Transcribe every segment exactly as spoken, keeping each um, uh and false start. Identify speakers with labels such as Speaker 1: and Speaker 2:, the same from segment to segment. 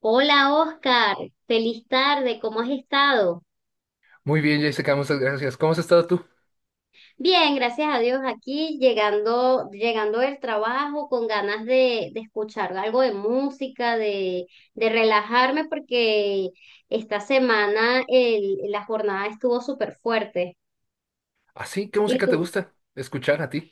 Speaker 1: Hola Oscar, feliz tarde, ¿cómo has estado?
Speaker 2: Muy bien, Jessica, muchas gracias. ¿Cómo has estado tú?
Speaker 1: Bien, gracias a Dios aquí, llegando, llegando del trabajo con ganas de, de escuchar algo de música, de, de relajarme porque esta semana el- la jornada estuvo súper fuerte.
Speaker 2: ¿Ah, sí? ¿Qué
Speaker 1: ¿Y
Speaker 2: música te
Speaker 1: tú?
Speaker 2: gusta escuchar a ti?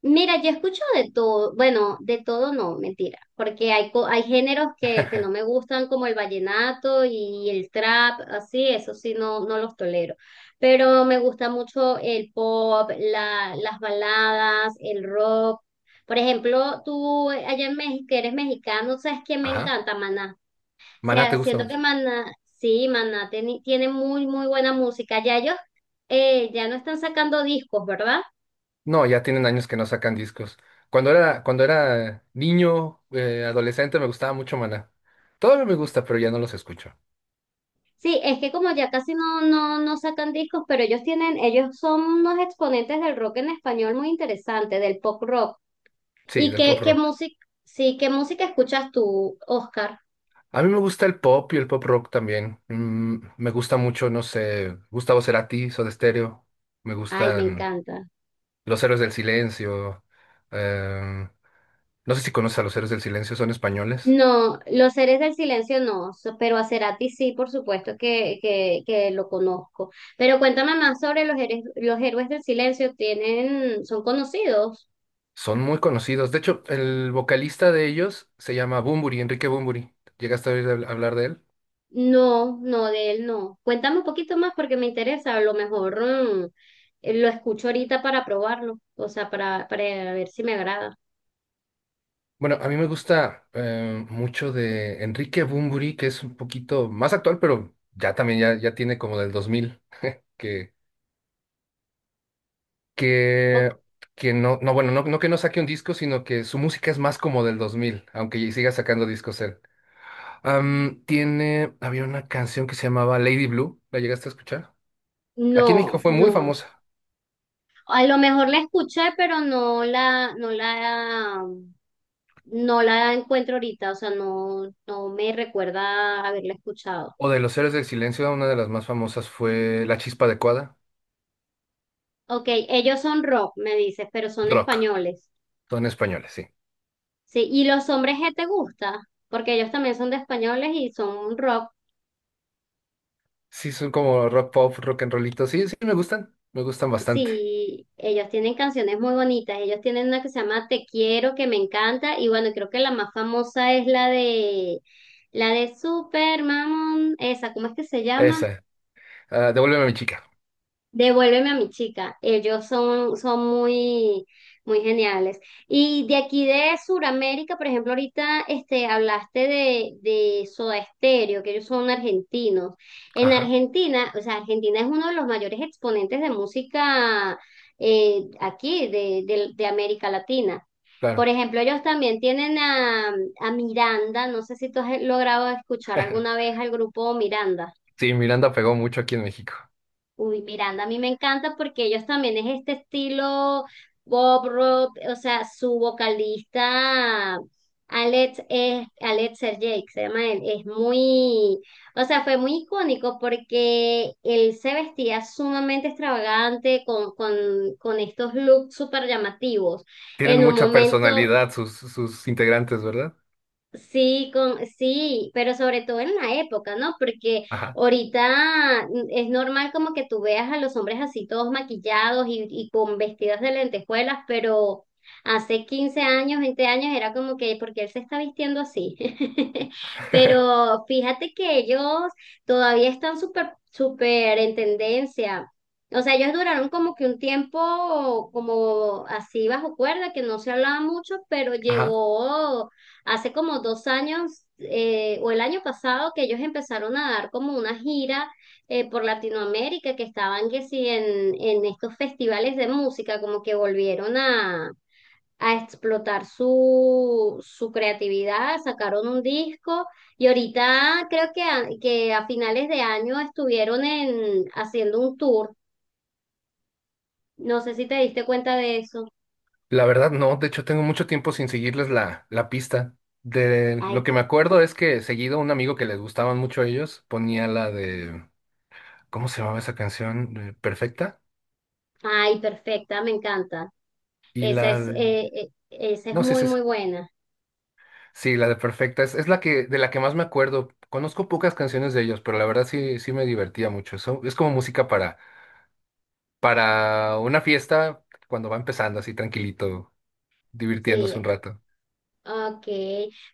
Speaker 1: Mira, yo escucho de todo, bueno, de todo no, mentira, porque hay, co- hay géneros que, que no me gustan como el vallenato y el trap, así, eso sí, no, no los tolero, pero me gusta mucho el pop, la, las baladas, el rock. Por ejemplo, tú eh, allá en México, que eres mexicano, sabes que me
Speaker 2: Ajá.
Speaker 1: encanta Maná. O
Speaker 2: Maná
Speaker 1: sea,
Speaker 2: te gusta
Speaker 1: siento que
Speaker 2: mucho.
Speaker 1: Maná, sí, Maná tiene, tiene muy, muy buena música. Ya ellos eh, ya no están sacando discos, ¿verdad?
Speaker 2: No, ya tienen años que no sacan discos. Cuando era, cuando era niño, eh, adolescente, me gustaba mucho Maná. Todavía me gusta, pero ya no los escucho.
Speaker 1: Sí, es que como ya casi no, no, no sacan discos, pero ellos tienen, ellos son unos exponentes del rock en español muy interesante, del pop rock.
Speaker 2: Sí,
Speaker 1: ¿Y
Speaker 2: del pop
Speaker 1: qué, qué
Speaker 2: rock.
Speaker 1: música, sí, qué música escuchas tú, Oscar?
Speaker 2: A mí me gusta el pop y el pop rock también. Mm, me gusta mucho, no sé, Gustavo Cerati, Soda Stereo. Me
Speaker 1: Ay, me
Speaker 2: gustan
Speaker 1: encanta.
Speaker 2: Los Héroes del Silencio. eh, no sé si conoces a Los Héroes del Silencio, son españoles.
Speaker 1: No, Los Seres del Silencio no, so- pero a Cerati sí, por supuesto que, que, que lo conozco. Pero cuéntame más sobre los, héroes- los Héroes del Silencio, ¿tienen, ¿son conocidos?
Speaker 2: Son muy conocidos. De hecho, el vocalista de ellos se llama Bunbury, Enrique Bunbury. ¿Llegaste a oír habl- hablar de él?
Speaker 1: No, no, de él no. Cuéntame un poquito más porque me interesa. A lo mejor mm, eh, lo escucho ahorita para probarlo, o sea, para, para ver si me agrada.
Speaker 2: Bueno, a mí me gusta eh, mucho de Enrique Bunbury, que es un poquito más actual, pero ya también ya, ya tiene como del dos mil, que,
Speaker 1: O-
Speaker 2: que, que no, no, bueno, no, no que no saque un disco, sino que su música es más como del dos mil, aunque siga sacando discos él. Am, tiene, había una canción que se llamaba Lady Blue, ¿la llegaste a escuchar? Aquí en México
Speaker 1: no,
Speaker 2: fue muy
Speaker 1: no.
Speaker 2: famosa.
Speaker 1: A lo mejor la escuché, pero no la, no la, no la encuentro ahorita, o sea, no, no me recuerda haberla escuchado.
Speaker 2: O de los Héroes del Silencio, una de las más famosas fue La Chispa Adecuada,
Speaker 1: Ok, ellos son rock, me dices, pero son
Speaker 2: rock,
Speaker 1: españoles.
Speaker 2: son españoles, sí.
Speaker 1: Sí, ¿y los hombres que te gusta? Porque ellos también son de españoles y son un rock.
Speaker 2: Sí, son como rock pop, rock and rollito, sí, sí, me gustan, me gustan bastante.
Speaker 1: Sí, ellos tienen canciones muy bonitas. Ellos tienen una que se llama Te quiero, que me encanta. Y bueno, creo que la más famosa es la de la de Super Mamón. Esa, ¿cómo es que se llama?
Speaker 2: Esa, ah, Devuélveme a mi chica,
Speaker 1: Devuélveme a mi chica. Ellos son, son muy, muy geniales. Y de aquí de Sudamérica, por ejemplo, ahorita este, hablaste de, de Soda Stereo, que ellos son argentinos. En
Speaker 2: ajá,
Speaker 1: Argentina, o sea, Argentina es uno de los mayores exponentes de música eh, aquí, de, de, de América Latina. Por
Speaker 2: claro.
Speaker 1: ejemplo, ellos también tienen a, a Miranda. No sé si tú has logrado escuchar alguna vez al grupo Miranda.
Speaker 2: Sí, Miranda pegó mucho aquí en México.
Speaker 1: Uy, Miranda, a mí me encanta porque ellos también es este estilo Bob rock, o sea, su vocalista Alex es Alex Sergey, que se llama él, es muy, o sea, fue muy icónico porque él se vestía sumamente extravagante con, con, con estos looks súper llamativos.
Speaker 2: Tienen
Speaker 1: En un
Speaker 2: mucha
Speaker 1: momento.
Speaker 2: personalidad sus, sus integrantes, ¿verdad?
Speaker 1: Sí, con, sí, pero sobre todo en la época, ¿no? Porque
Speaker 2: Ajá.
Speaker 1: ahorita es normal como que tú veas a los hombres así todos maquillados y, y con vestidos de lentejuelas, pero hace quince años, veinte años era como que, ¿porque él se está vistiendo así? Pero fíjate que ellos todavía están súper, súper en tendencia. O sea, ellos duraron como que un tiempo como así bajo cuerda, que no se hablaba mucho, pero
Speaker 2: Ajá.
Speaker 1: llegó. Hace como dos años eh, o el año pasado que ellos empezaron a dar como una gira eh, por Latinoamérica, que estaban que sí en, en estos festivales de música, como que volvieron a, a explotar su, su creatividad, sacaron un disco y ahorita creo que a, que a finales de año estuvieron en, haciendo un tour. No sé si te diste cuenta de eso.
Speaker 2: La verdad no, de hecho tengo mucho tiempo sin seguirles la, la pista. De lo
Speaker 1: Ay,
Speaker 2: que me acuerdo es que seguido un amigo que les gustaban mucho a ellos ponía la de ¿cómo se llamaba esa canción? Eh, ¿Perfecta?
Speaker 1: ay, perfecta, me encanta.
Speaker 2: Y
Speaker 1: Esa
Speaker 2: la
Speaker 1: es,
Speaker 2: de...
Speaker 1: eh, eh, esa es
Speaker 2: No, sí es
Speaker 1: muy, muy
Speaker 2: esa.
Speaker 1: buena.
Speaker 2: Sí, la de Perfecta. Es, es la que, de la que más me acuerdo. Conozco pocas canciones de ellos, pero la verdad sí, sí me divertía mucho. Eso es como música para, para una fiesta cuando va empezando así tranquilito, divirtiéndose
Speaker 1: Sí,
Speaker 2: un rato.
Speaker 1: ah, ok.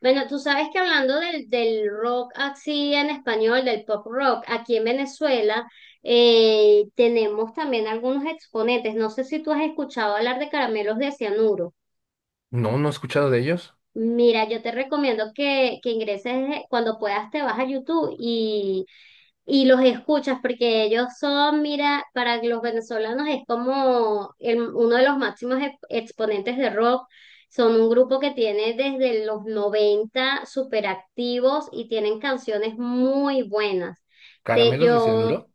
Speaker 1: Bueno, tú sabes que hablando del, del rock así en español, del pop rock, aquí en Venezuela eh, tenemos también algunos exponentes. No sé si tú has escuchado hablar de Caramelos de Cianuro.
Speaker 2: No, no he escuchado de ellos.
Speaker 1: Mira, yo te recomiendo que, que ingreses eh, cuando puedas, te vas a YouTube y, y los escuchas, porque ellos son, mira, para los venezolanos es como el- uno de los máximos ex- exponentes de rock. Son un grupo que tiene desde los noventa súper activos y tienen canciones muy buenas. Te,
Speaker 2: ¿Caramelos de
Speaker 1: yo,
Speaker 2: Cianuro?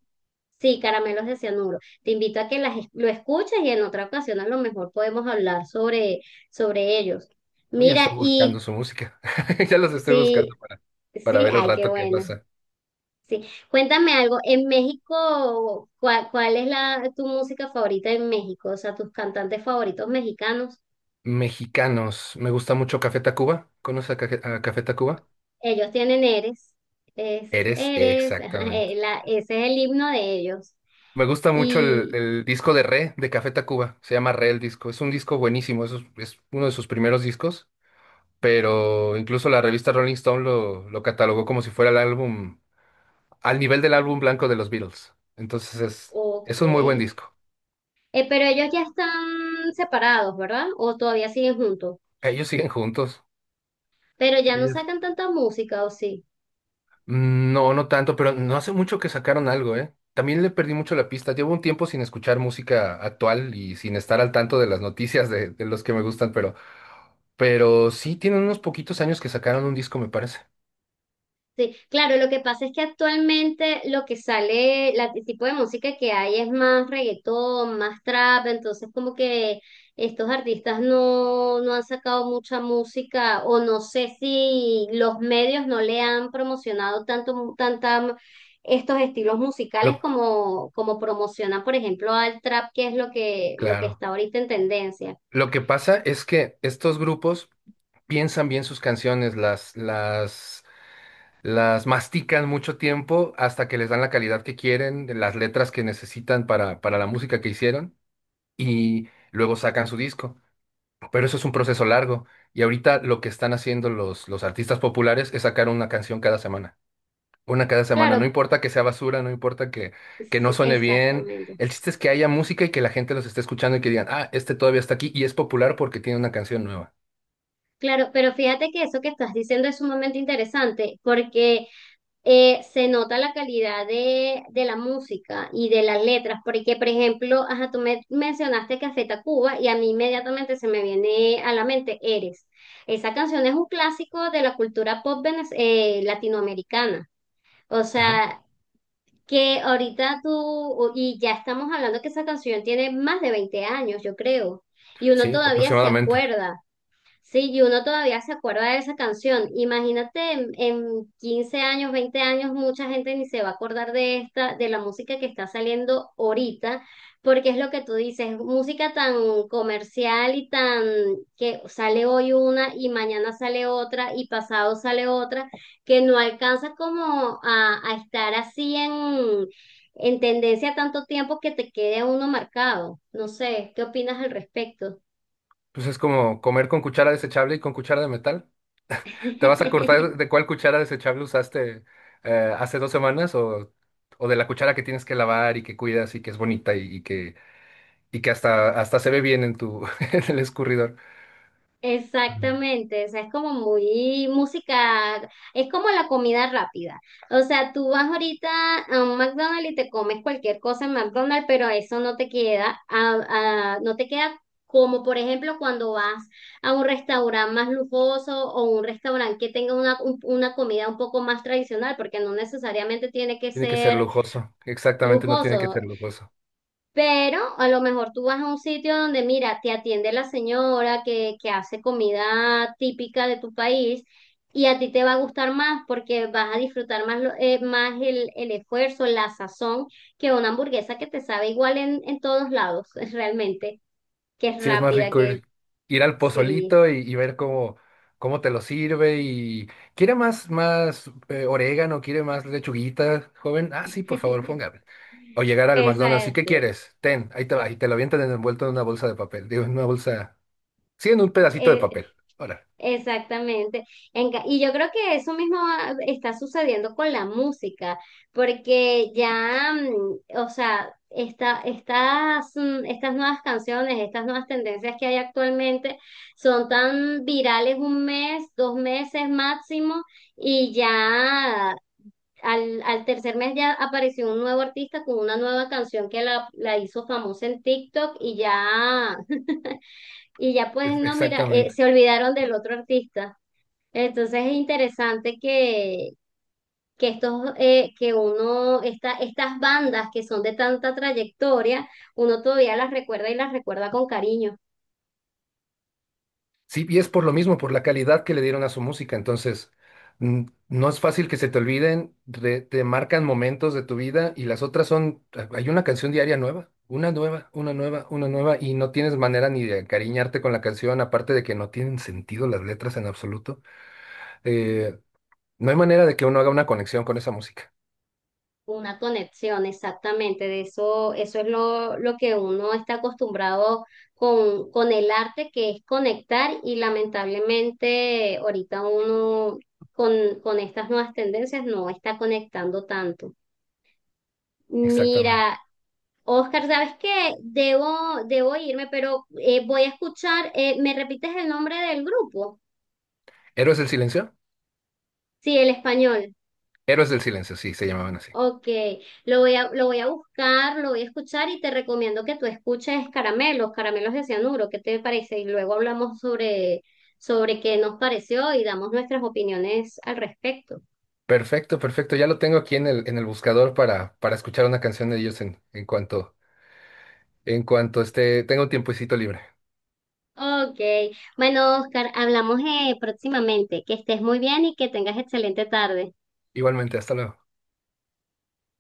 Speaker 1: sí, Caramelos de Cianuro. Te invito a que las, es- lo escuches y en otra ocasión a lo mejor podemos hablar sobre, sobre ellos.
Speaker 2: Oye,
Speaker 1: Mira,
Speaker 2: estoy buscando
Speaker 1: y
Speaker 2: su música. Ya los estoy buscando
Speaker 1: sí,
Speaker 2: para, para
Speaker 1: sí,
Speaker 2: ver el
Speaker 1: ay, qué
Speaker 2: rato que
Speaker 1: buena.
Speaker 2: pasa.
Speaker 1: Sí. Cuéntame algo, en México, ¿cuál, cuál es la, tu música favorita en México? O sea, tus cantantes favoritos mexicanos.
Speaker 2: Mexicanos. Me gusta mucho Café Tacuba. ¿Conoces a Cafe- a Café Tacuba?
Speaker 1: Ellos tienen Eres, es
Speaker 2: Eres
Speaker 1: Eres, ajá, eh,
Speaker 2: exactamente.
Speaker 1: la, ese es el himno de ellos.
Speaker 2: Me gusta mucho el,
Speaker 1: Y,
Speaker 2: el disco de Re de Café Tacuba. Se llama Re el disco. Es un disco buenísimo. Es, es uno de sus primeros discos. Pero incluso la revista Rolling Stone lo, lo catalogó como si fuera el álbum, al nivel del álbum blanco de los Beatles. Entonces es,
Speaker 1: ok,
Speaker 2: es un muy buen
Speaker 1: Eh,
Speaker 2: disco.
Speaker 1: pero ellos ya están separados, ¿verdad? O todavía siguen juntos,
Speaker 2: Ellos siguen juntos.
Speaker 1: pero ya no sacan tanta música, ¿o sí?
Speaker 2: Mm, no, no tanto, pero no hace mucho que sacaron algo, ¿eh? También le perdí mucho la pista. Llevo un tiempo sin escuchar música actual y sin estar al tanto de las noticias de, de los que me gustan, pero, pero sí tienen unos poquitos años que sacaron un disco, me parece.
Speaker 1: Sí, claro, lo que pasa es que actualmente lo que sale, la- el tipo de música que hay es más reggaetón, más trap, entonces como que estos artistas no, no han sacado mucha música o no sé si los medios no le han promocionado tanto, tanta, estos estilos musicales
Speaker 2: Lo,
Speaker 1: como, como promocionan, por ejemplo, al trap, que es lo que, lo que
Speaker 2: claro.
Speaker 1: está ahorita en tendencia.
Speaker 2: Lo que pasa es que estos grupos piensan bien sus canciones, las, las, las mastican mucho tiempo hasta que les dan la calidad que quieren, las letras que necesitan para, para la música que hicieron y luego sacan su disco. Pero eso es un proceso largo. Y ahorita lo que están haciendo los, los artistas populares es sacar una canción cada semana. Una cada semana. No
Speaker 1: Claro,
Speaker 2: importa que sea basura, no importa que, que no
Speaker 1: sí,
Speaker 2: suene bien.
Speaker 1: exactamente.
Speaker 2: El chiste es que haya música y que la gente los esté escuchando y que digan, ah, este todavía está aquí y es popular porque tiene una canción nueva.
Speaker 1: Claro, pero fíjate que eso que estás diciendo es sumamente interesante porque eh, se nota la calidad de, de la música y de las letras, porque por ejemplo, ajá, tú me mencionaste Café Tacuba y a mí inmediatamente se me viene a la mente Eres. Esa canción es un clásico de la cultura pop venez- eh, latinoamericana. O
Speaker 2: Ajá.
Speaker 1: sea, que ahorita tú, y ya estamos hablando que esa canción tiene más de veinte años, yo creo, y uno
Speaker 2: Sí,
Speaker 1: todavía se
Speaker 2: aproximadamente.
Speaker 1: acuerda. Sí, y uno todavía se acuerda de esa canción. Imagínate en, en quince años, veinte años, mucha gente ni se va a acordar de esta, de la música que está saliendo ahorita, porque es lo que tú dices, música tan comercial y tan, que sale hoy una y mañana sale otra y pasado sale otra, que no alcanza como a, a estar así en, en tendencia tanto tiempo que te quede uno marcado. No sé, ¿qué opinas al respecto?
Speaker 2: Pues es como comer con cuchara desechable y con cuchara de metal. ¿Te vas a cortar de cuál cuchara desechable usaste eh, hace dos semanas o, o de la cuchara que tienes que lavar y que cuidas y que es bonita y y que y que hasta, hasta se ve bien en tu, en el escurridor. Ujú.
Speaker 1: Exactamente, o sea, es como muy música, es como la comida rápida. O sea, tú vas ahorita a un McDonald's y te comes cualquier cosa en McDonald's, pero eso no te queda, a- a- no te queda como por ejemplo cuando vas a un restaurante más lujoso o un restaurante que tenga una, un- una comida un poco más tradicional, porque no necesariamente tiene que
Speaker 2: Tiene que ser
Speaker 1: ser
Speaker 2: lujoso. Exactamente, no tiene que
Speaker 1: lujoso.
Speaker 2: ser lujoso.
Speaker 1: Pero a lo mejor tú vas a un sitio donde, mira, te atiende la señora que, que hace comida típica de tu país y a ti te va a gustar más porque vas a disfrutar más, lo- eh, más el, el esfuerzo, la sazón, que una hamburguesa que te sabe igual en, en todos lados, realmente, que es
Speaker 2: Sí, es más
Speaker 1: rápida,
Speaker 2: rico
Speaker 1: que
Speaker 2: ir, ir al
Speaker 1: sí.
Speaker 2: pozolito y, y ver cómo, cómo te lo sirve. Y quiere más, más eh, orégano, quiere más lechuguita, joven. Ah, sí, por favor, póngame. O llegar al McDonald's. ¿Y qué
Speaker 1: Exacto.
Speaker 2: quieres? Ten, ahí te va. Y te lo avientan envuelto en una bolsa de papel. Digo, en una bolsa. Sí, en un pedacito de
Speaker 1: Eh,
Speaker 2: papel. Ahora.
Speaker 1: Exactamente. En ca- y yo creo que eso mismo va- está sucediendo con la música, porque ya, mm, o sea, esta, estas, mm, estas nuevas canciones, estas nuevas tendencias que hay actualmente son tan virales un mes, dos meses máximo, y ya al, al tercer mes ya apareció un nuevo artista con una nueva canción que la, la hizo famosa en TikTok y ya, y ya pues no, mira, eh,
Speaker 2: Exactamente.
Speaker 1: se olvidaron del otro artista. Entonces es interesante que, que estos, eh, que uno, esta, estas bandas que son de tanta trayectoria, uno todavía las recuerda y las recuerda con cariño,
Speaker 2: Sí, y es por lo mismo, por la calidad que le dieron a su música. Entonces, mm, no es fácil que se te olviden, re- te marcan momentos de tu vida y las otras son, ah, hay una canción diaria nueva, una nueva, una nueva, una nueva, y no tienes manera ni de encariñarte con la canción, aparte de que no tienen sentido las letras en absoluto. Eh, no hay manera de que uno haga una conexión con esa música.
Speaker 1: una conexión, exactamente. De eso, eso es lo, lo que uno está acostumbrado con, con el arte, que es conectar, y lamentablemente ahorita uno con, con estas nuevas tendencias no está conectando tanto.
Speaker 2: Exactamente.
Speaker 1: Mira, Oscar, ¿sabes qué? Debo, debo irme, pero eh, voy a escuchar, eh, ¿me repites el nombre del grupo?
Speaker 2: ¿Héroes del Silencio?
Speaker 1: Sí, el español.
Speaker 2: Héroes del Silencio, sí, se llamaban así.
Speaker 1: Ok, lo voy a, lo voy a buscar, lo voy a escuchar y te recomiendo que tú escuches Caramelos, Caramelos de Cianuro, ¿qué te parece? Y luego hablamos sobre, sobre qué nos pareció y damos nuestras opiniones al respecto.
Speaker 2: Perfecto, perfecto. Ya lo tengo aquí en el, en el buscador para, para escuchar una canción de ellos en, en cuanto, en cuanto esté, tenga un tiempecito libre.
Speaker 1: Ok, bueno, Oscar, hablamos eh, próximamente. Que estés muy bien y que tengas excelente tarde.
Speaker 2: Igualmente, hasta luego.